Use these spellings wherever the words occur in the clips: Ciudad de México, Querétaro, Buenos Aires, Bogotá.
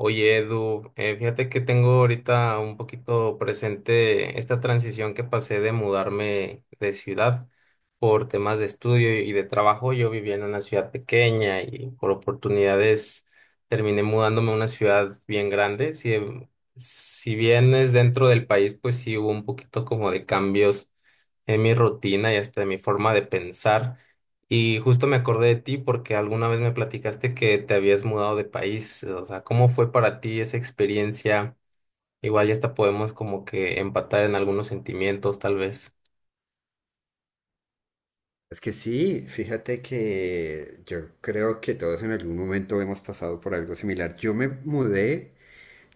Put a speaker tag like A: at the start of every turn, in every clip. A: Oye, Edu, fíjate que tengo ahorita un poquito presente esta transición que pasé de mudarme de ciudad por temas de estudio y de trabajo. Yo vivía en una ciudad pequeña y por oportunidades terminé mudándome a una ciudad bien grande. Si, si bien es dentro del país, pues sí hubo un poquito como de cambios en mi rutina y hasta en mi forma de pensar. Y justo me acordé de ti porque alguna vez me platicaste que te habías mudado de país. O sea, ¿cómo fue para ti esa experiencia? Igual ya hasta podemos como que empatar en algunos sentimientos, tal vez.
B: Es que sí, fíjate que yo creo que todos en algún momento hemos pasado por algo similar. Yo me mudé,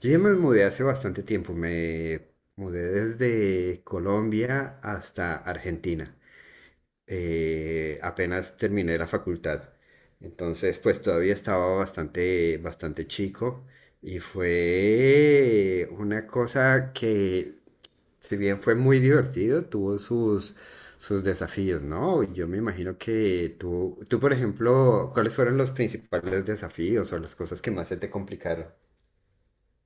B: yo ya me mudé hace bastante tiempo, me mudé desde Colombia hasta Argentina apenas terminé la facultad. Entonces, pues todavía estaba bastante, bastante chico y fue una cosa que, si bien fue muy divertido, tuvo sus, sus desafíos, ¿no? Yo me imagino que tú, por ejemplo, ¿cuáles fueron los principales desafíos o las cosas que más se te complicaron?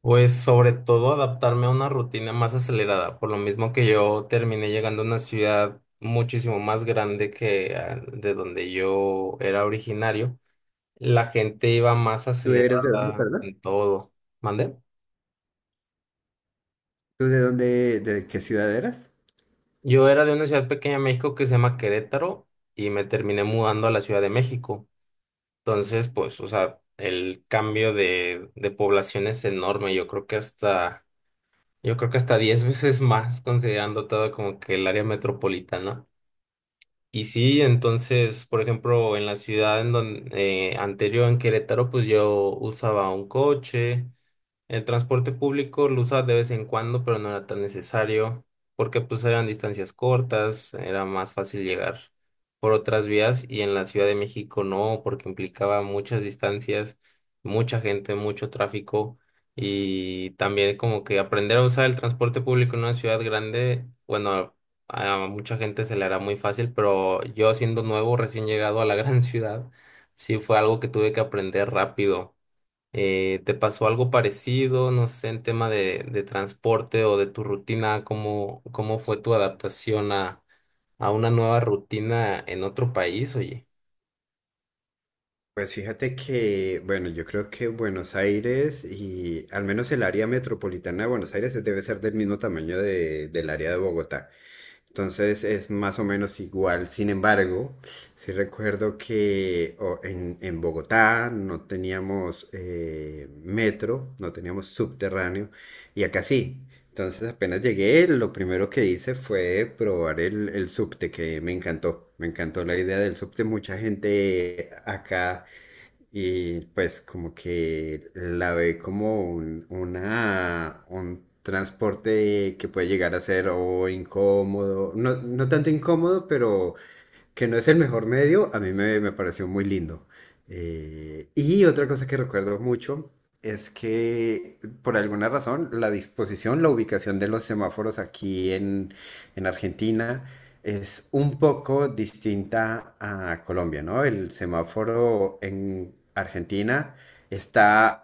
A: Pues sobre todo adaptarme a una rutina más acelerada, por lo mismo que yo terminé llegando a una ciudad muchísimo más grande que de donde yo era originario. La gente iba más
B: ¿Tú eres de dónde,
A: acelerada
B: perdón?
A: en todo. ¿Mande?
B: ¿Tú de dónde, de qué ciudad eras?
A: Yo era de una ciudad pequeña en México que se llama Querétaro y me terminé mudando a la Ciudad de México. Entonces, pues, o sea, el cambio de población es enorme. Yo creo que hasta 10 veces más considerando todo como que el área metropolitana. Y sí, entonces, por ejemplo, en la ciudad anterior en Querétaro, pues yo usaba un coche. El transporte público lo usaba de vez en cuando, pero no era tan necesario, porque pues eran distancias cortas, era más fácil llegar por otras vías y en la Ciudad de México no, porque implicaba muchas distancias, mucha gente, mucho tráfico y también como que aprender a usar el transporte público en una ciudad grande, bueno, a mucha gente se le hará muy fácil, pero yo siendo nuevo, recién llegado a la gran ciudad, sí fue algo que tuve que aprender rápido ¿te pasó algo parecido, no sé, en tema de transporte o de tu rutina? ¿Cómo fue tu adaptación a una nueva rutina en otro país, oye?
B: Pues fíjate que, bueno, yo creo que Buenos Aires y al menos el área metropolitana de Buenos Aires debe ser del mismo tamaño del área de Bogotá. Entonces es más o menos igual. Sin embargo, sí recuerdo que en Bogotá no teníamos metro, no teníamos subterráneo y acá sí. Entonces apenas llegué, lo primero que hice fue probar el subte, que me encantó. Me encantó la idea del subte. Mucha gente acá y pues como que la ve como un transporte que puede llegar a ser o incómodo, no, no tanto incómodo, pero que no es el mejor medio. A mí me pareció muy lindo. Y otra cosa que recuerdo mucho es que por alguna razón la disposición, la ubicación de los semáforos en Argentina es un poco distinta a Colombia, ¿no? El semáforo en Argentina está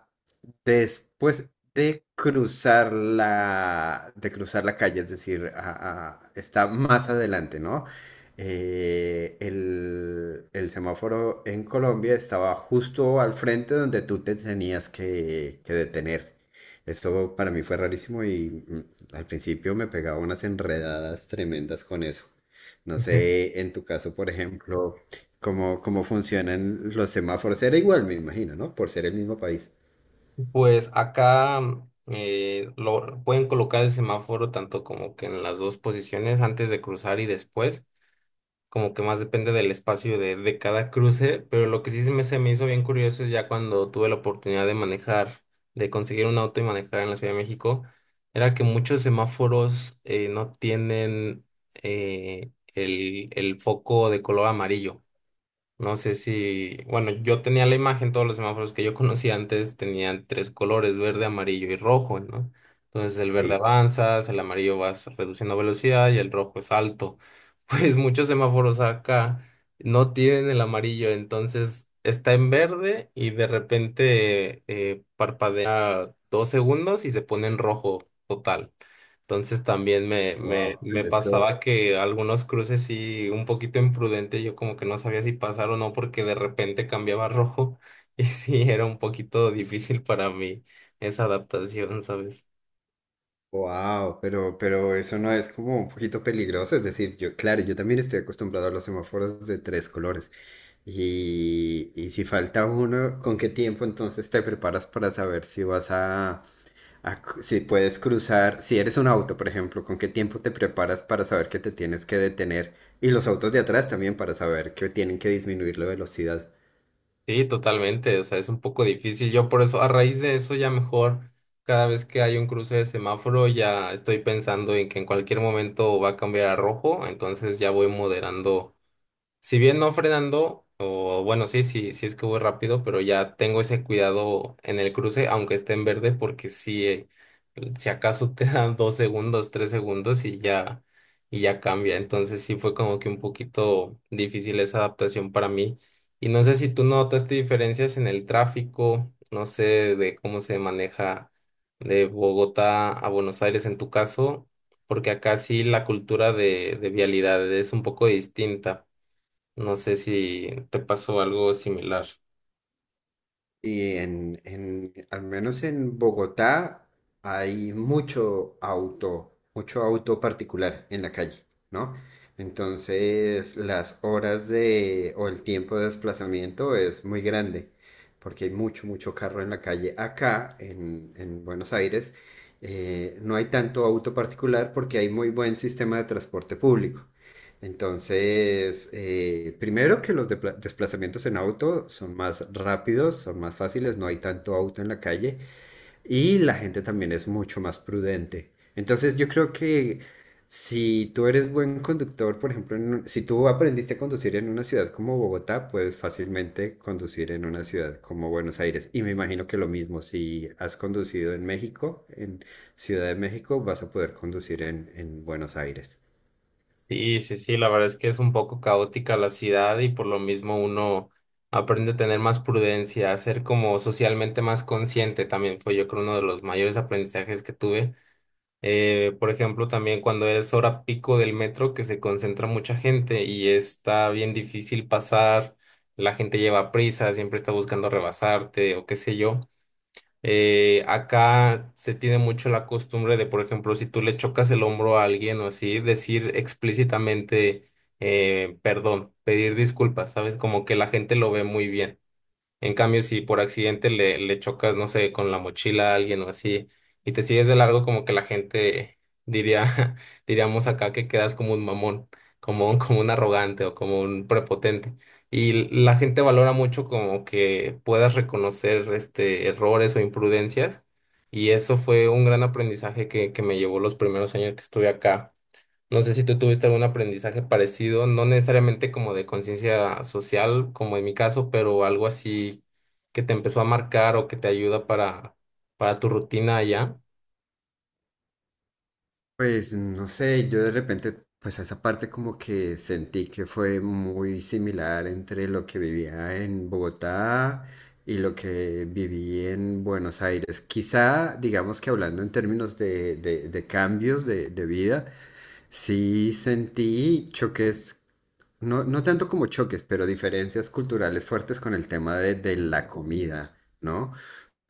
B: después de cruzar de cruzar la calle, es decir, está más adelante, ¿no? El semáforo en Colombia estaba justo al frente donde tú te tenías que detener. Esto para mí fue rarísimo y, al principio me pegaba unas enredadas tremendas con eso. No sé, en tu caso, por ejemplo, cómo funcionan los semáforos. Era igual, me imagino, ¿no? Por ser el mismo país.
A: Ujú. Pues acá pueden colocar el semáforo tanto como que en las dos posiciones, antes de cruzar y después, como que más depende del espacio de cada cruce, pero lo que sí se me hizo bien curioso es ya cuando tuve la oportunidad de manejar, de conseguir un auto y manejar en la Ciudad de México, era que muchos semáforos no tienen el foco de color amarillo. No sé si, bueno, yo tenía la imagen, todos los semáforos que yo conocía antes tenían tres colores, verde, amarillo y rojo, ¿no? Entonces el verde
B: Sí.
A: avanzas, el amarillo vas reduciendo velocidad y el rojo es alto. Pues muchos semáforos acá no tienen el amarillo, entonces está en verde y de repente parpadea 2 segundos y se pone en rojo total. Entonces también me, me,
B: Wow.
A: me pasaba que algunos cruces sí, un poquito imprudente, yo como que no sabía si pasar o no porque de repente cambiaba a rojo y sí, era un poquito difícil para mí esa adaptación, ¿sabes?
B: Wow, pero, eso no es como un poquito peligroso. Es decir, yo, claro, yo también estoy acostumbrado a los semáforos de tres colores. Y si falta uno, ¿con qué tiempo entonces te preparas para saber si vas a, si puedes cruzar? Si eres un auto, por ejemplo, ¿con qué tiempo te preparas para saber que te tienes que detener? Y los autos de atrás también para saber que tienen que disminuir la velocidad.
A: Sí, totalmente, o sea, es un poco difícil. Yo por eso, a raíz de eso ya mejor, cada vez que hay un cruce de semáforo ya estoy pensando en que en cualquier momento va a cambiar a rojo, entonces ya voy moderando. Si bien no frenando, o bueno, sí, sí, sí es que voy rápido, pero ya tengo ese cuidado en el cruce, aunque esté en verde, porque si, si acaso te dan 2 segundos, 3 segundos y ya cambia. Entonces sí fue como que un poquito difícil esa adaptación para mí. Y no sé si tú notaste diferencias en el tráfico, no sé de cómo se maneja de Bogotá a Buenos Aires en tu caso, porque acá sí la cultura de vialidad es un poco distinta. No sé si te pasó algo similar.
B: Y al menos en Bogotá hay mucho auto particular en la calle, ¿no? Entonces las horas de o el tiempo de desplazamiento es muy grande porque hay mucho, mucho carro en la calle. Acá en Buenos Aires no hay tanto auto particular porque hay muy buen sistema de transporte público. Entonces, primero que los desplazamientos en auto son más rápidos, son más fáciles, no hay tanto auto en la calle y la gente también es mucho más prudente. Entonces, yo creo que si tú eres buen conductor, por ejemplo, si tú aprendiste a conducir en una ciudad como Bogotá, puedes fácilmente conducir en una ciudad como Buenos Aires. Y me imagino que lo mismo, si has conducido en México, en Ciudad de México, vas a poder conducir en Buenos Aires.
A: Sí, sí, sí, la verdad es que es un poco caótica la ciudad y por lo mismo uno aprende a tener más prudencia, a ser como socialmente más consciente también fue yo creo uno de los mayores aprendizajes que tuve. Por ejemplo, también cuando es hora pico del metro que se concentra mucha gente y está bien difícil pasar, la gente lleva prisa, siempre está buscando rebasarte o qué sé yo. Acá se tiene mucho la costumbre de, por ejemplo, si tú le chocas el hombro a alguien o así, decir explícitamente perdón, pedir disculpas, ¿sabes? Como que la gente lo ve muy bien. En cambio, si por accidente le chocas, no sé, con la mochila a alguien o así, y te sigues de largo, como que la gente diría, diríamos acá que quedas como un mamón, como un, como un arrogante o como un prepotente. Y la gente valora mucho como que puedas reconocer este errores o imprudencias. Y eso fue un gran aprendizaje que me llevó los primeros años que estuve acá. No sé si tú tuviste algún aprendizaje parecido, no necesariamente como de conciencia social, como en mi caso, pero algo así que te empezó a marcar o que te ayuda para tu rutina allá.
B: Pues no sé, yo de repente, pues a esa parte como que sentí que fue muy similar entre lo que vivía en Bogotá y lo que viví en Buenos Aires. Quizá, digamos que hablando en términos de, de cambios de vida, sí sentí choques, no, no tanto como choques, pero diferencias culturales fuertes con el tema de la comida, ¿no?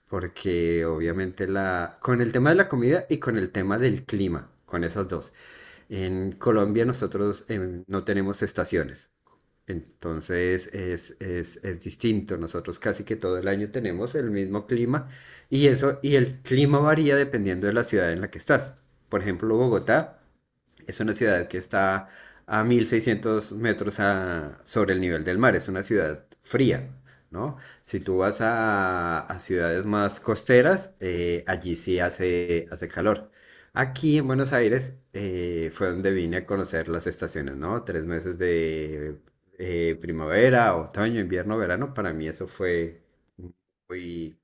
B: Porque obviamente la, con el tema de la comida y con el tema del clima, con esas dos. En Colombia nosotros no tenemos estaciones, entonces es distinto. Nosotros casi que todo el año tenemos el mismo clima y eso, y el clima varía dependiendo de la ciudad en la que estás. Por ejemplo, Bogotá. Es una ciudad que está a 1600 metros sobre el nivel del mar. Es una ciudad fría, ¿no? Si tú vas a ciudades más costeras, allí sí hace, hace calor. Aquí en Buenos Aires fue donde vine a conocer las estaciones, ¿no? Tres meses de primavera, otoño, invierno, verano. Para mí eso fue muy,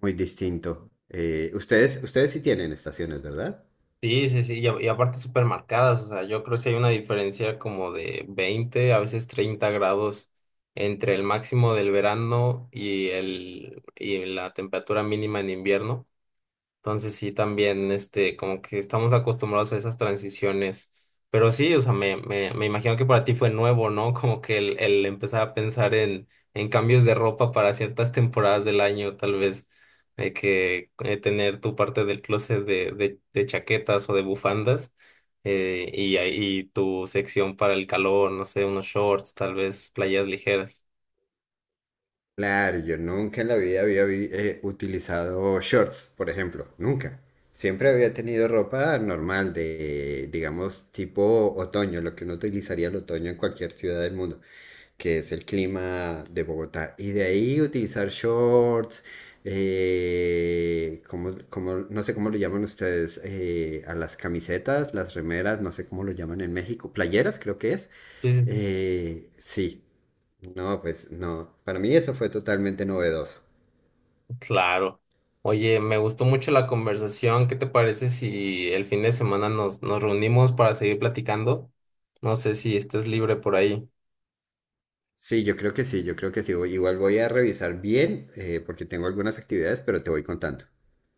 B: muy distinto. Ustedes, ustedes sí tienen estaciones, ¿verdad?
A: Sí, sí, sí, y aparte súper marcadas, o sea, yo creo que sí hay una diferencia como de 20 a veces 30 grados entre el máximo del verano y, el, y la temperatura mínima en invierno. Entonces sí, también, este, como que estamos acostumbrados a esas transiciones. Pero sí, o sea, me imagino que para ti fue nuevo, ¿no? Como que el empezar a pensar en, cambios de ropa para ciertas temporadas del año, tal vez, de que tener tu parte del closet de chaquetas o de bufandas, y tu sección para el calor, no sé, unos shorts, tal vez, playas ligeras.
B: Claro, yo nunca en la vida utilizado shorts, por ejemplo, nunca. Siempre había tenido ropa normal de, digamos, tipo otoño, lo que uno utilizaría el otoño en cualquier ciudad del mundo, que es el clima de Bogotá. Y de ahí utilizar shorts, como, no sé cómo lo llaman ustedes, a las camisetas, las remeras, no sé cómo lo llaman en México, playeras creo que es.
A: Sí, sí, sí.
B: Sí, no, pues no. Para mí eso fue totalmente novedoso.
A: Claro. Oye, me gustó mucho la conversación. ¿Qué te parece si el fin de semana nos reunimos para seguir platicando? No sé si estés libre por ahí.
B: Sí, yo creo que sí, yo creo que sí. Igual voy a revisar bien, porque tengo algunas actividades, pero te voy contando.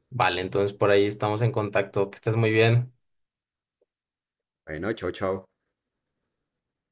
A: Vale, entonces por ahí estamos en contacto. Que estés muy bien.
B: Bueno, chao, chao.